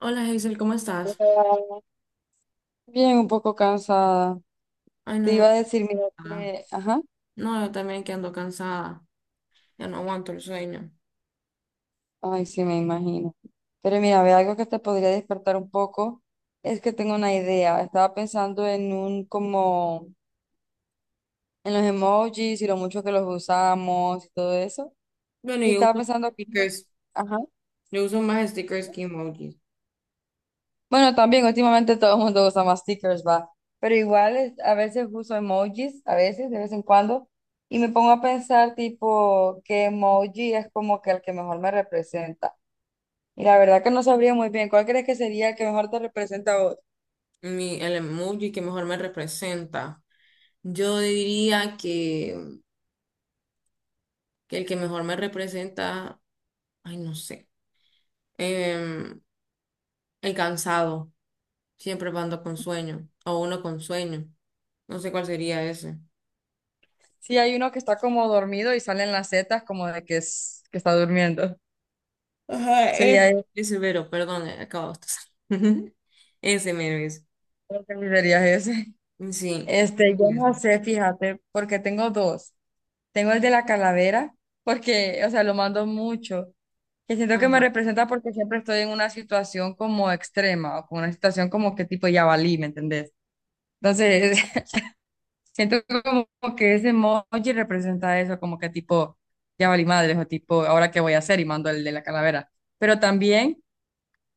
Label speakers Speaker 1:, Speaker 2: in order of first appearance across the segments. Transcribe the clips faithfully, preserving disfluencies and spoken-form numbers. Speaker 1: Hola Hazel, ¿cómo estás?
Speaker 2: Bien, un poco cansada.
Speaker 1: Ay,
Speaker 2: Te
Speaker 1: no,
Speaker 2: iba a decir, mira,
Speaker 1: ah,
Speaker 2: que- ajá,
Speaker 1: no, yo también que ando cansada, ya no aguanto el sueño.
Speaker 2: ay, sí, me imagino. Pero mira, ve algo que te podría despertar un poco, es que tengo una idea. Estaba pensando en un, como, en los emojis y lo mucho que los usamos y todo eso.
Speaker 1: Bueno,
Speaker 2: Y
Speaker 1: yo
Speaker 2: estaba
Speaker 1: uso
Speaker 2: pensando,
Speaker 1: stickers,
Speaker 2: ajá.
Speaker 1: yo uso más stickers que emojis.
Speaker 2: Bueno, también últimamente todo el mundo usa más stickers, va. Pero igual es- a veces uso emojis, a veces, de vez en cuando, y me pongo a pensar tipo qué emoji es como que el que mejor me representa. Y la verdad que no sabría muy bien cuál crees que sería el que mejor te representa a vos.
Speaker 1: Mi, el emoji que mejor me representa. Yo diría que, que el que mejor me representa, ay, no sé, em, el cansado, siempre ando con sueño, o uno con sueño, no sé cuál sería ese.
Speaker 2: Sí, hay uno que está como dormido y salen las setas como de que, es, que está durmiendo.
Speaker 1: Ajá,
Speaker 2: Sería
Speaker 1: eh.
Speaker 2: ese,
Speaker 1: Ese mero, perdón, acabo de estar. Ese mero es.
Speaker 2: creo que sería ese.
Speaker 1: Sí.
Speaker 2: Este, yo no sé, fíjate, porque tengo dos. Tengo el de la calavera, porque, o sea, lo mando mucho. Que siento que me
Speaker 1: Ajá.
Speaker 2: representa porque siempre estoy en una situación como extrema o con una situación como que tipo ya valí, ¿me entendés? Entonces, siento como que ese emoji representa eso, como que tipo ya valí madres o tipo ahora qué voy a hacer y mando el de la calavera. Pero también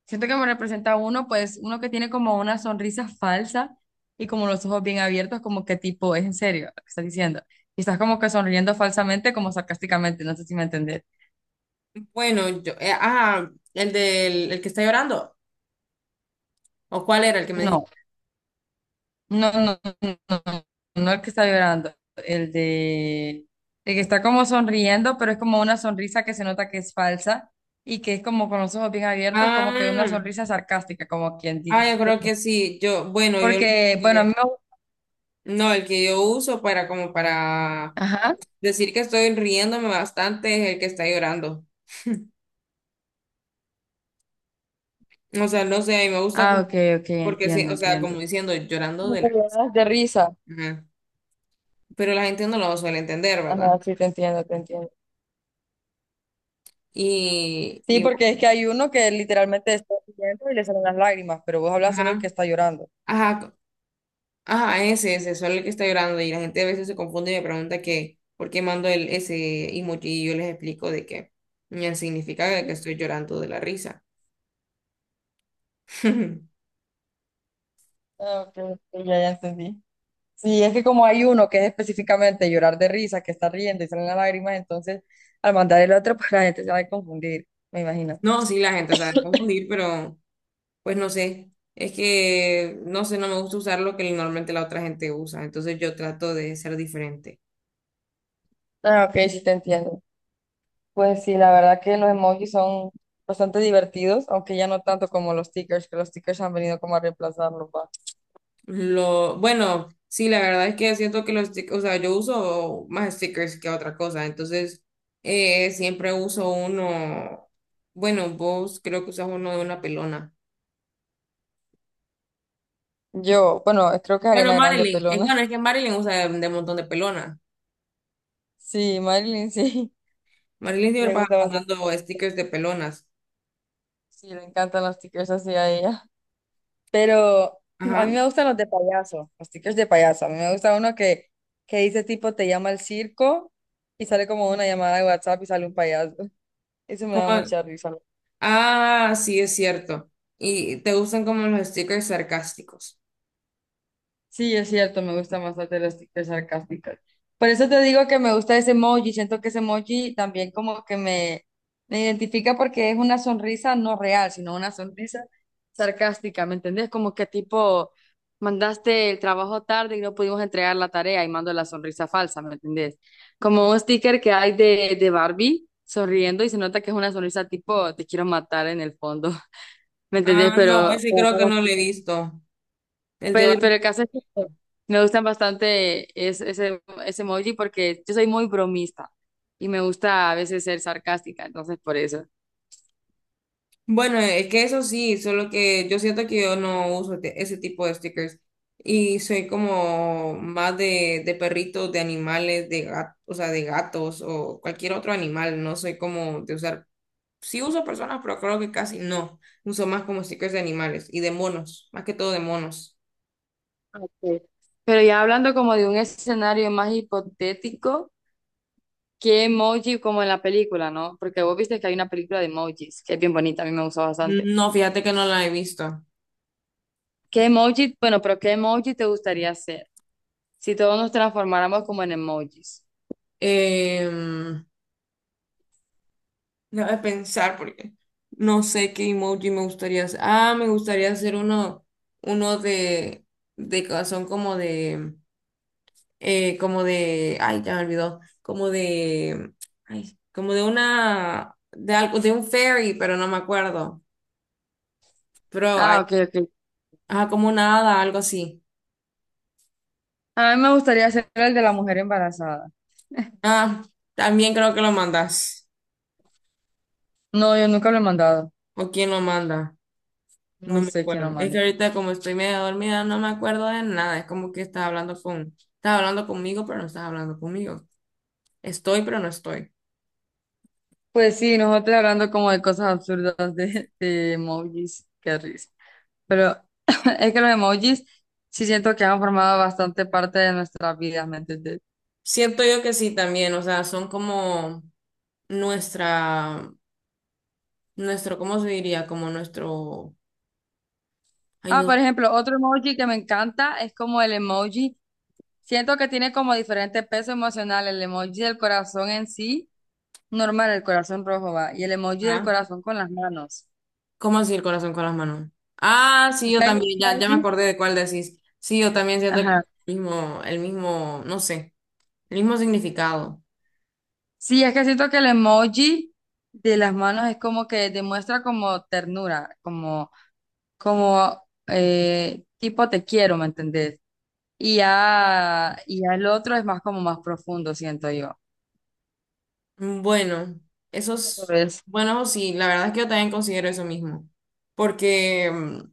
Speaker 2: siento que me representa uno, pues uno que tiene como una sonrisa falsa y como los ojos bien abiertos, como que tipo es en serio lo que estás diciendo. Y estás como que sonriendo falsamente, como sarcásticamente, no sé si me entendés.
Speaker 1: Bueno, yo, eh, ah, el del el que está llorando. ¿O cuál era el que me
Speaker 2: No.
Speaker 1: dijiste?
Speaker 2: No, no, no, no, no el que está llorando, el de, el que está como sonriendo, pero es como una sonrisa que se nota que es falsa y que es como con los ojos bien abiertos, como que una
Speaker 1: Ah,
Speaker 2: sonrisa sarcástica, como quien
Speaker 1: ah, yo
Speaker 2: dice.
Speaker 1: creo que sí. Yo, bueno, yo
Speaker 2: Porque, bueno, a
Speaker 1: eh,
Speaker 2: mí me...
Speaker 1: no, el que yo uso para como para
Speaker 2: Ajá.
Speaker 1: decir que estoy riéndome bastante es el que está llorando. O sea, no sé, a mí me gusta
Speaker 2: Ah,
Speaker 1: como...
Speaker 2: ok, ok,
Speaker 1: porque sí,
Speaker 2: entiendo,
Speaker 1: o sea, como
Speaker 2: entiendo.
Speaker 1: diciendo, llorando
Speaker 2: Como
Speaker 1: de
Speaker 2: que
Speaker 1: la.
Speaker 2: lloras de risa.
Speaker 1: Ajá. Pero la gente no lo suele entender, ¿verdad?
Speaker 2: Ajá, sí, te entiendo, te entiendo.
Speaker 1: Y,
Speaker 2: Sí,
Speaker 1: y
Speaker 2: porque es que hay uno que literalmente está riendo y le salen las lágrimas, pero vos hablas solo el que
Speaker 1: ajá,
Speaker 2: está llorando.
Speaker 1: ajá, ajá, ese, ese, solo el que está llorando y la gente a veces se confunde y me pregunta que por qué mando el, ese emoji y yo les explico de que ya significa de que estoy llorando de la risa.
Speaker 2: Ah, ok, ok, ya, ya entendí. Sí, es que como hay uno que es específicamente llorar de risa, que está riendo y salen las lágrimas, entonces al mandar el otro, pues la gente se va a confundir, me imagino.
Speaker 1: No, sí, la gente sabe confundir, pero pues no sé, es que no sé, no me gusta usar lo que normalmente la otra gente usa, entonces yo trato de ser diferente.
Speaker 2: Ah, ok, sí te entiendo. Pues sí, la verdad que los emojis son bastante divertidos, aunque ya no tanto como los stickers, que los stickers han venido como a reemplazarlos, va.
Speaker 1: Lo, bueno, sí, la verdad es que siento que los stickers, o sea, yo uso más stickers que otra cosa, entonces eh, siempre uso uno, bueno, vos creo que usas uno de una pelona.
Speaker 2: Yo, bueno, creo que
Speaker 1: Bueno,
Speaker 2: Ariana Grande
Speaker 1: Marilyn, es
Speaker 2: pelona.
Speaker 1: bueno, es que Marilyn usa de, de un montón de pelonas.
Speaker 2: Sí, Marilyn sí,
Speaker 1: Marilyn siempre
Speaker 2: le
Speaker 1: pasa
Speaker 2: gusta bastante.
Speaker 1: mandando stickers de pelonas.
Speaker 2: Sí, le encantan los stickers así a ella. Pero a mí
Speaker 1: Ajá.
Speaker 2: me gustan los de payaso, los stickers de payaso. A mí me gusta uno que, que dice tipo, te llama el circo y sale como una llamada de WhatsApp y sale un payaso. Eso me da
Speaker 1: Como,
Speaker 2: mucha risa.
Speaker 1: ah, sí, es cierto. Y te gustan como los stickers sarcásticos.
Speaker 2: Sí, es cierto, me gustan bastante las TikToks sarcásticas. Por eso te digo que me gusta ese emoji, siento que ese emoji también como que me, me identifica porque es una sonrisa no real, sino una sonrisa sarcástica, ¿me entendés? Como que tipo, mandaste el trabajo tarde y no pudimos entregar la tarea y mando la sonrisa falsa, ¿me entendés? Como un sticker que hay de, de Barbie sonriendo y se nota que es una sonrisa tipo, te quiero matar en el fondo, ¿me entendés?
Speaker 1: Ah, no,
Speaker 2: Pero...
Speaker 1: ese creo que no lo he visto. El de
Speaker 2: Pero, pero
Speaker 1: Barbie.
Speaker 2: el caso es que me gustan bastante es- ese, ese emoji porque yo soy muy bromista y me gusta a veces ser sarcástica, entonces por eso.
Speaker 1: Bueno, es que eso sí, solo que yo siento que yo no uso te- ese tipo de stickers y soy como más de, de perritos, de animales, de gatos, o sea, de gatos o cualquier otro animal, no soy como de usar, sí uso personas, pero creo que casi no, uso más como stickers de animales y de monos, más que todo de monos.
Speaker 2: Ok. Pero ya hablando como de un escenario más hipotético, ¿qué emoji como en la película, no? Porque vos viste que hay una película de emojis que es bien bonita, a mí me gustó bastante.
Speaker 1: No, fíjate que no la he visto.
Speaker 2: ¿Qué emoji, bueno, pero qué emoji te gustaría ser si todos nos transformáramos como en emojis?
Speaker 1: Em, Déjame pensar porque no sé qué emoji me gustaría hacer. Ah, me gustaría hacer uno, uno de, de corazón como de, eh, como de, ay, ya me olvidó, como de, ay, como de una, de algo, de un ferry, pero no me acuerdo. Pero,
Speaker 2: Ah,
Speaker 1: ay,
Speaker 2: ok, ok.
Speaker 1: ajá, como una hada, algo así.
Speaker 2: A mí me gustaría ser el de la mujer embarazada.
Speaker 1: Ah, también creo que lo mandas.
Speaker 2: No, yo nunca lo he mandado.
Speaker 1: ¿O quién lo manda? No
Speaker 2: No
Speaker 1: me
Speaker 2: sé quién lo
Speaker 1: acuerdo. Es que
Speaker 2: mandó.
Speaker 1: ahorita como estoy medio dormida, no me acuerdo de nada. Es como que estás hablando con, estás hablando conmigo, pero no estás hablando conmigo. Estoy, pero no estoy.
Speaker 2: Pues sí, nosotros hablando como de cosas absurdas de, de emojis, qué risa. Pero es que los emojis sí siento que han formado bastante parte de nuestras vidas, ¿me entendés?
Speaker 1: Siento yo que sí también, o sea, son como nuestra, nuestro, ¿cómo se diría? Como nuestro, ay,
Speaker 2: Ah,
Speaker 1: no,
Speaker 2: por ejemplo, otro emoji que me encanta es como el emoji. Siento que tiene como diferente peso emocional. El emoji del corazón en sí, normal, el corazón rojo va. Y el emoji del
Speaker 1: ah,
Speaker 2: corazón con las manos.
Speaker 1: ¿cómo así el corazón con las manos? Ah, sí,
Speaker 2: Es que
Speaker 1: yo
Speaker 2: hay
Speaker 1: también, ya, ya me
Speaker 2: emojis.
Speaker 1: acordé de cuál decís. Sí, yo también siento que
Speaker 2: Ajá.
Speaker 1: el mismo, el mismo, no sé, el mismo significado.
Speaker 2: Sí, es que siento que el emoji de las manos es como que demuestra como ternura, como, como eh, tipo te quiero, ¿me entendés? Y ya, y ya el otro es más como más profundo, siento yo.
Speaker 1: Mm, bueno,
Speaker 2: ¿Lo
Speaker 1: esos,
Speaker 2: ves?
Speaker 1: bueno, sí, la verdad es que yo también considero eso mismo, porque, mm,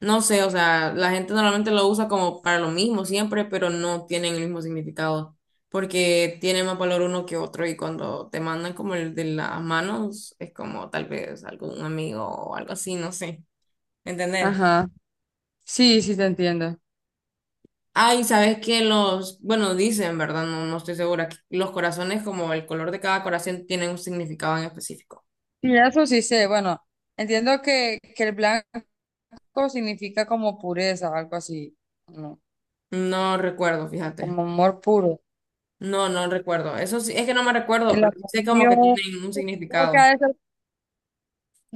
Speaker 1: no sé, o sea, la gente normalmente lo usa como para lo mismo siempre, pero no tienen el mismo significado, porque tiene más valor uno que otro y cuando te mandan como el de las manos, es como tal vez algún amigo o algo así, no sé, ¿entendés?
Speaker 2: Ajá. Sí, sí te entiendo.
Speaker 1: Ay, sabes que los, bueno, dicen, ¿verdad? No, no estoy segura, que los corazones como el color de cada corazón tienen un significado en específico.
Speaker 2: Y eso sí sé, bueno, entiendo que, que el blanco significa como pureza, algo así, ¿no?
Speaker 1: No recuerdo,
Speaker 2: Como
Speaker 1: fíjate.
Speaker 2: amor puro.
Speaker 1: No, no recuerdo. Eso sí, es que no me recuerdo,
Speaker 2: El
Speaker 1: pero sí sé como que
Speaker 2: amarillo,
Speaker 1: tienen un
Speaker 2: creo que
Speaker 1: significado.
Speaker 2: ha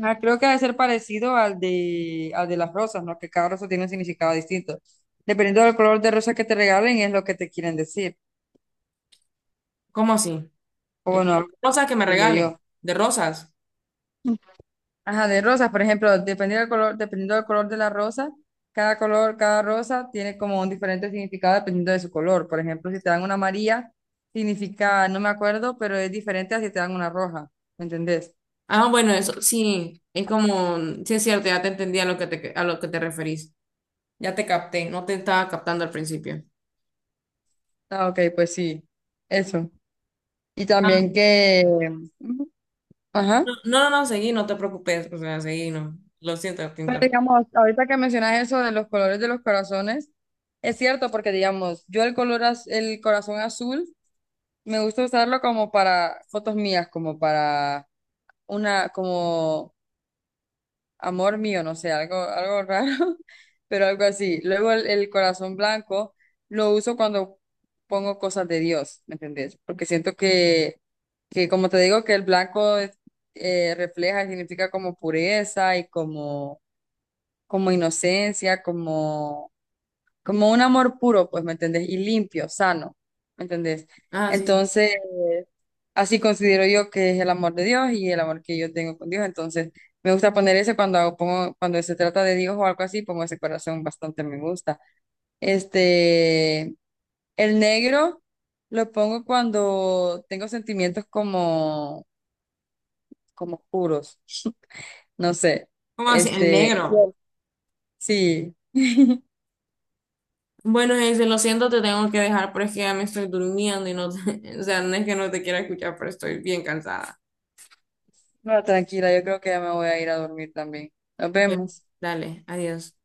Speaker 2: ah, creo que debe ser parecido al de, al de las rosas, ¿no? Que cada rosa tiene un significado distinto. Dependiendo del color de rosa que te regalen, es lo que te quieren decir.
Speaker 1: ¿Cómo así?
Speaker 2: O
Speaker 1: Eh,
Speaker 2: bueno,
Speaker 1: Rosas que me
Speaker 2: entiendo yo.
Speaker 1: regalen, de rosas.
Speaker 2: Ajá, de rosas, por ejemplo, dependiendo del color, dependiendo del color de la rosa, cada color, cada rosa tiene como un diferente significado dependiendo de su color. Por ejemplo, si te dan una amarilla, significa, no me acuerdo, pero es diferente a si te dan una roja. ¿Me entendés?
Speaker 1: Ah, bueno, eso sí, es como, mm, sí es cierto, ya te entendí a lo que te, a lo que te referís. Ya te capté, no te estaba captando al principio.
Speaker 2: Ah, ok, pues sí. Eso. Y
Speaker 1: Ah,
Speaker 2: también que... Ujú. Ajá.
Speaker 1: no, no, no, seguí, no te preocupes, o sea, seguí, no. Lo siento, te
Speaker 2: Pero
Speaker 1: interrumpí.
Speaker 2: digamos, ahorita que mencionas eso de los colores de los corazones, es cierto porque digamos, yo el color, az- el corazón azul, me gusta usarlo como para fotos mías, como para una, como amor mío, no sé, algo, algo raro, pero algo así. Luego el, el corazón blanco lo uso cuando pongo cosas de Dios, ¿me entendés? Porque siento que, que como te digo, que el blanco eh, refleja y significa como pureza y como como inocencia, como como un amor puro, pues, ¿me entendés? Y limpio, sano, ¿me entendés?
Speaker 1: Ah, sí.
Speaker 2: Entonces, así considero yo que es el amor de Dios y el amor que yo tengo con Dios. Entonces, me gusta poner ese cuando hago- pongo, cuando se trata de Dios o algo así, pongo ese corazón bastante me gusta. Este, el negro lo pongo cuando tengo sentimientos como, como puros, no sé.
Speaker 1: ¿Cómo así? El
Speaker 2: Este,
Speaker 1: negro.
Speaker 2: sí,
Speaker 1: Bueno, Hazel, lo siento, te tengo que dejar, pero es que ya me estoy durmiendo y no, te... o sea, no es que no te quiera escuchar, pero estoy bien cansada.
Speaker 2: no, tranquila, yo creo que ya me voy a ir a dormir también. Nos
Speaker 1: Bueno,
Speaker 2: vemos.
Speaker 1: dale, adiós.